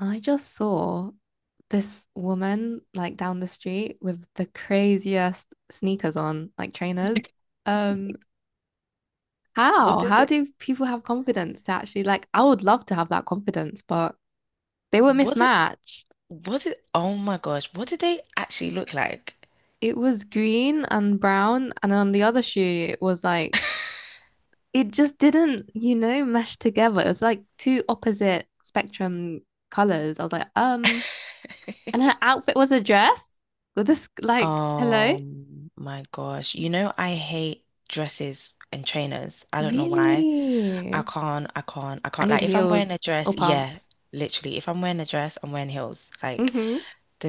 I just saw this woman like down the street with the craziest sneakers on, like trainers. Um, What how? did How they, do people have confidence to actually like I would love to have that confidence, but they were what did, mismatched. what did, oh my gosh, what did they actually look like? It was green and brown, and on the other shoe it was like it just didn't, mesh together. It was like two opposite spectrum colors. I was like, and her outfit was a dress with this like, hello? Oh my gosh. You know, I hate dresses and trainers. I don't know why. I Really? can't, I can't, I I can't. need Like, if I'm heels wearing a dress, or yeah, pumps. literally. If I'm wearing a dress, I'm wearing heels. Like, Hmm.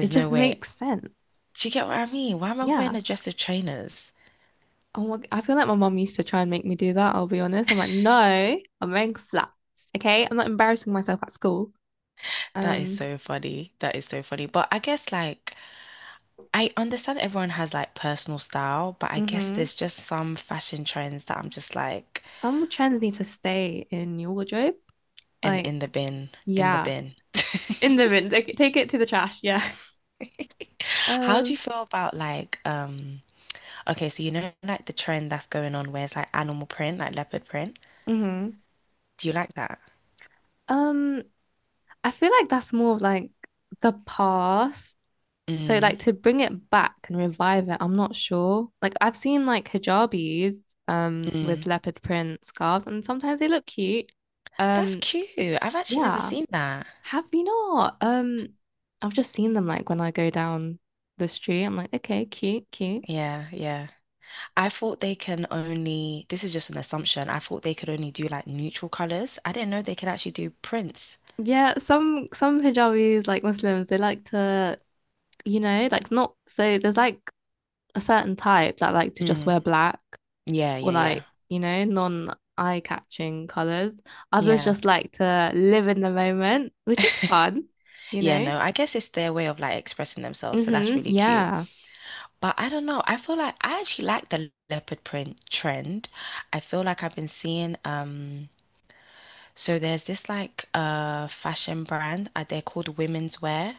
It no just way. makes sense. Do you get what I mean? Why am I wearing Yeah. a dress with trainers? Oh my, I feel like my mom used to try and make me do that, I'll be honest. I'm like, no, I'm wearing flats. Okay. I'm not embarrassing myself at school. That is Um, so funny. That is so funny. But I guess, like, I understand everyone has like personal style, but I guess hmm. there's just some fashion trends that I'm just like, Some trends need to stay in your wardrobe. and Like, in the bin, in the yeah. bin. In the bin. Like, take it to the trash. Yeah. How do Um, you feel about like, okay, so you know like the trend that's going on where it's like animal print, like leopard print? hmm. Do you like that? Um, I feel like that's more of like the past. So Mm, like to bring it back and revive it, I'm not sure. Like I've seen like hijabis with mm. leopard print scarves and sometimes they look cute. That's Um cute. I've actually never yeah. seen that. Have you not? I've just seen them like when I go down the street. I'm like, okay, cute, cute. Yeah, yeah. I thought they can only, this is just an assumption. I thought they could only do like neutral colors. I didn't know they could actually do prints. Yeah, some hijabis like Muslims, they like to, like not so there's like a certain type that like to just Mm. wear black Yeah, or yeah, yeah. like, non-eye-catching colors. Others Yeah. just like to live in the moment, which is fun, you Yeah, know? no, I guess it's their way of like expressing themselves, so that's Mm-hmm. really cute. Yeah. But I don't know. I feel like I actually like the leopard print trend. I feel like I've been seeing so there's this like fashion brand, they're called Women's Wear.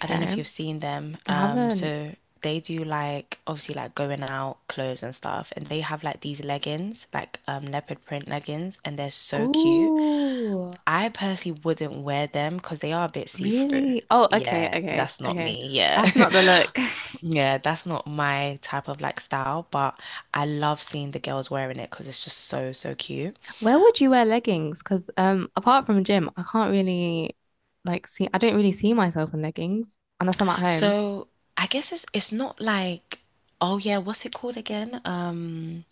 I don't know if you've seen them. I haven't. So they do like obviously like going out clothes and stuff and they have like these leggings, like leopard print leggings and they're so cute. Oh, I personally wouldn't wear them because they are a bit see-through. really? Oh, okay, Yeah, okay, that's not okay. me. Yeah. That's not the look. Yeah, that's not my type of like style, but I love seeing the girls wearing it because it's just so, so cute. Where would you wear leggings? Because apart from gym, I can't really like see. I don't really see myself in leggings unless I'm at home. So I guess it's not like, oh yeah, what's it called again?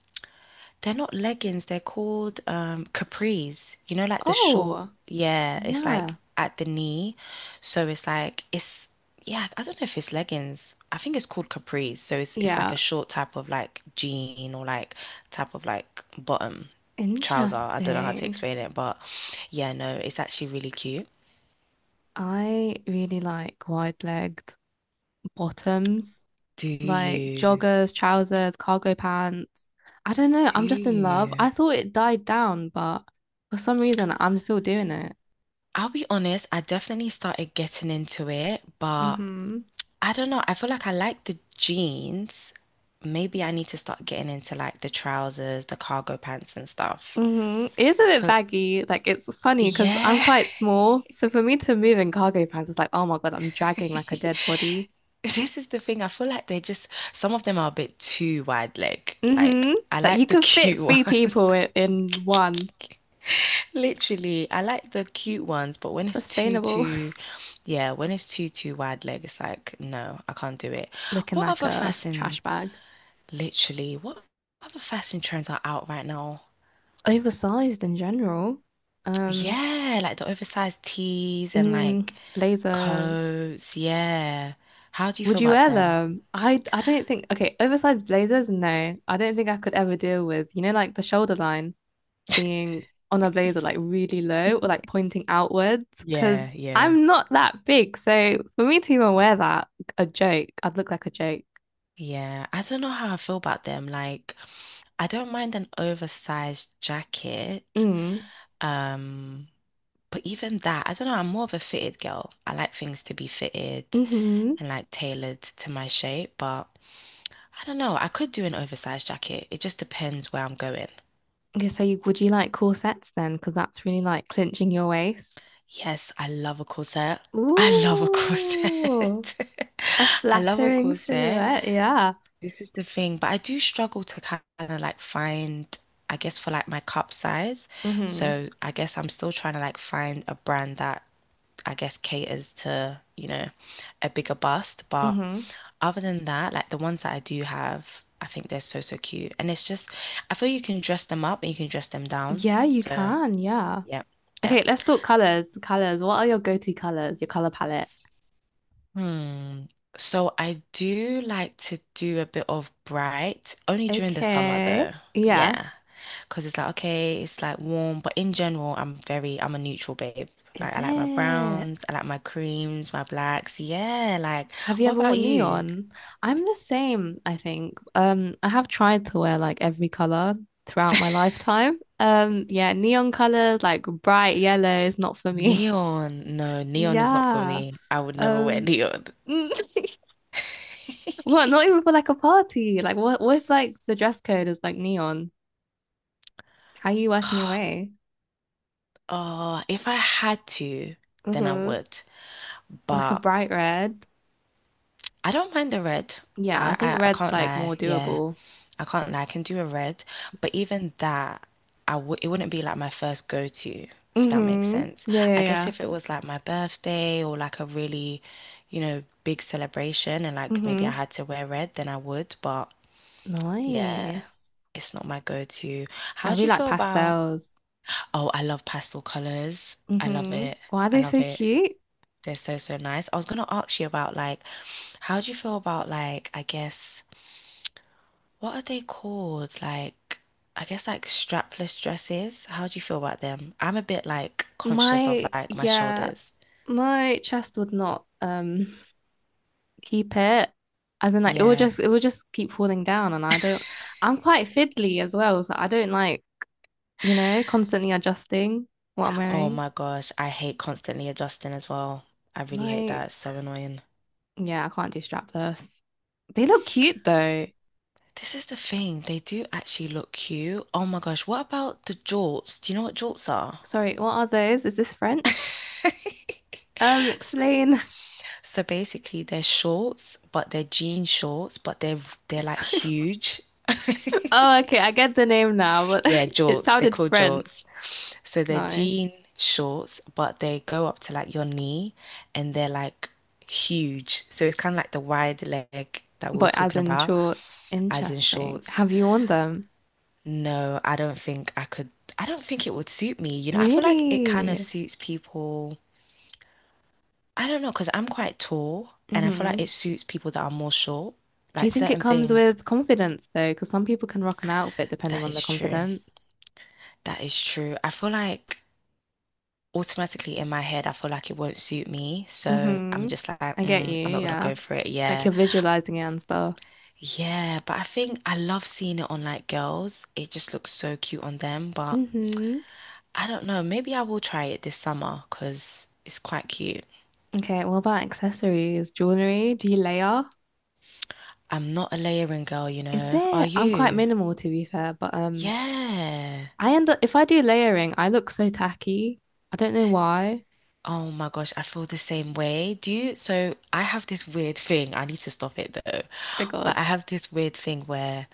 They're not leggings, they're called capris. You know, like the short, Oh, yeah, it's like yeah, at the knee. So it's like it's yeah, I don't know if it's leggings. I think it's called capris. So it's like yeah. a short type of like jean or like type of like bottom trouser. I don't know how to Interesting. explain it, but yeah, no, it's actually really cute. I really like wide-legged bottoms, Do like you? joggers, trousers, cargo pants. I don't know, Do I'm just in love. you? I thought it died down, but for some reason I'm still doing it. I'll be honest, I definitely started getting into it, but Mm-hmm. I don't know. I feel like I like the jeans. Maybe I need to start getting into like the trousers, the cargo pants and stuff. Mm-hmm. It is a bit 'Cause baggy. Like it's funny because I'm yeah. quite small. So for me to move in cargo pants is like, oh my God, I'm dragging like a dead body. This is the thing. I feel like they're just some of them are a bit too wide leg. Like Mm-hmm. I Like you like the could fit cute three ones. people in one. Literally, I like the cute ones, but when it's too Sustainable. too yeah, when it's too too wide leg, it's like no, I can't do it. Looking What like other a trash fashion bag. Literally, what other fashion trends are out right now? Oversized in general. Um, Yeah, like the oversized tees and mm, like blazers. coats. Yeah. How do you Would feel you about wear them? them? I don't think. Okay, oversized blazers, no. I don't think I could ever deal with, like the shoulder line being on a blazer like really low or like pointing outwards because Yeah, yeah. I'm not that big. So for me to even wear that, a joke, I'd look like a joke. Yeah, I don't know how I feel about them. Like, I don't mind an oversized jacket. Mm. Um, but even that, I don't know, I'm more of a fitted girl. I like things to be fitted Mm-hmm. and like tailored to my shape, but I don't know, I could do an oversized jacket. It just depends where I'm going. Okay, so would you like corsets then? Because that's really like clinching your waist. Yes, I love a corset. I love a corset. Ooh. A I love a flattering corset. silhouette, yeah. This is the thing, but I do struggle to kind of like find, I guess, for like my cup size. Mm-hmm. So I guess I'm still trying to like find a brand that I guess caters to, you know, a bigger bust. But Mm-hmm. other than that, like the ones that I do have, I think they're so, so cute. And it's just, I feel you can dress them up and you can dress them down. Yeah, you So can, yeah. yeah, yeah. Okay, let's talk colors. Colors. What are your go-to colors? Your color palette. Hmm. So I do like to do a bit of bright, only during the summer though. Okay. Yeah. Yeah, cause it's like okay, it's like warm, but in general, I'm a neutral babe. Is Like I like my it? browns, I like my creams, my blacks. Yeah, like Have you what ever about worn you? neon? I'm the same, I think. I have tried to wear like every color throughout my lifetime. Yeah, neon colors, like bright yellow is not for me. Neon. No, neon is not for Yeah. me. I would never wear Um neon. What, not even for like a party? Like what if like the dress code is like neon? How are you working your way? Oh, if I had to, then I Mm-hmm. would. Like a But bright red. I don't mind the red. Yeah, I I I, think I red's can't like more lie. Yeah. doable. I can't lie, I can do a red, but even that, I w it wouldn't be like my first go-to, if that makes Mm-hmm. sense. Yeah, yeah, I guess yeah. if it was like my birthday or like a really, you know, big celebration and like maybe I Mm-hmm. had to wear red, then I would, but yeah, Nice. it's not my go-to. I How do really you like feel about, pastels. oh, I love pastel colors. I love Mm-hmm. it. Why are I they love so it. cute? They're so, so nice. I was gonna ask you about like, how do you feel about like, I guess what are they called? Like, I guess like strapless dresses. How do you feel about them? I'm a bit like conscious of My like my yeah, shoulders. my chest would not keep it. As in like it will Yeah. just it will just keep falling down and I don't. I'm quite fiddly as well, so I don't like constantly adjusting what I'm Oh wearing. my gosh, I hate constantly adjusting as well. I really hate that. It's Like, so annoying. yeah, I can't do strapless. They look cute though. This is the thing. They do actually look cute. Oh my gosh, what about the jorts? Do you know what jorts are? Sorry, what are those? Is this French? S- Explain. So basically, they're shorts, but they're jean shorts, but they're they're Just like like- huge. Oh, okay, I get the name now, but Yeah, it jorts. They're sounded called jorts. French. So they're Nice. jean shorts, but they go up to like your knee and they're like huge. So it's kind of like the wide leg that we were But as talking in about, shorts, as in interesting. shorts. Have you worn them? No, I don't think I could. I don't think it would suit me. You know, I feel like it kind of Really? suits people. I don't know, because I'm quite tall and I feel like it Hmm. suits people that are more short. Do you Like think it certain comes things. with confidence though? Because some people can rock an outfit depending That on their is true. confidence. That is true. I feel like automatically in my head, I feel like it won't suit me. So I'm Hmm. just like, I get you, mm, I'm not gonna yeah. go for it. Like Yeah. you're visualizing it and stuff. Yeah. But I think I love seeing it on like girls. It just looks so cute on them. But Hmm. I don't know. Maybe I will try it this summer because it's quite cute. Okay, what about accessories, jewelry? Do you layer? I'm not a layering girl, you Is know. there? Are I'm quite you? minimal to be fair, but Yeah. I end up if I do layering, I look so tacky. I don't know why. Oh my gosh, I feel the same way. Do you? So I have this weird thing. I need to stop it though. Oh But God. I have this weird thing where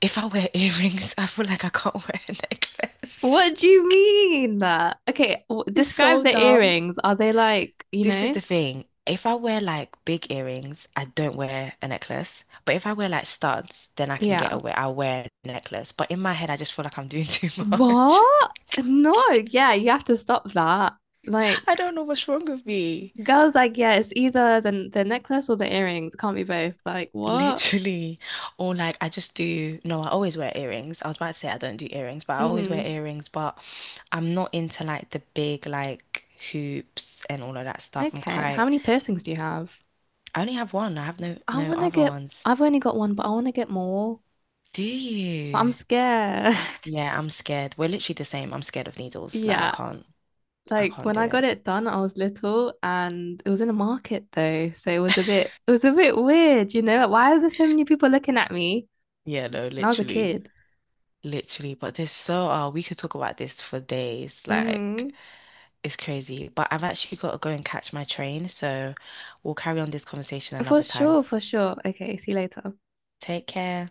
if I wear earrings, I feel like I can't wear a necklace. What do you mean that? Okay, w It's describe so the dumb. earrings. Are they like, you This is know? the thing. If I wear like big earrings, I don't wear a necklace. But if I wear like studs, then I can get Yeah. away. I'll wear a necklace. But in my head, I just feel like I'm doing too much. What? No, yeah, you have to stop that. Like I don't know what's wrong with me. girls like, yeah, it's either the necklace or the earrings. Can't be both. Like, what? Literally. Or like I just do, no, I always wear earrings. I was about to say I don't do earrings, but I always wear Hmm. earrings. But I'm not into like the big like hoops and all of that stuff. I'm Okay. How quite many piercings do you have? I only have one. I have I no want to other get, ones. I've only got one, but I want to get more. Do But I'm you? scared. Yeah, I'm scared. We're literally the same. I'm scared of needles. Yeah. I Like can't when do I got it. it done, I was little and it was in a market though. So it was a bit weird, you know? Like, why are there so many people looking at me? Yeah, no, And I was a literally, kid. literally. But there's so, we could talk about this for days. Like, Mm-hmm. it's crazy. But I've actually got to go and catch my train. So we'll carry on this conversation For another time. sure, for sure. Okay. See you later. Take care.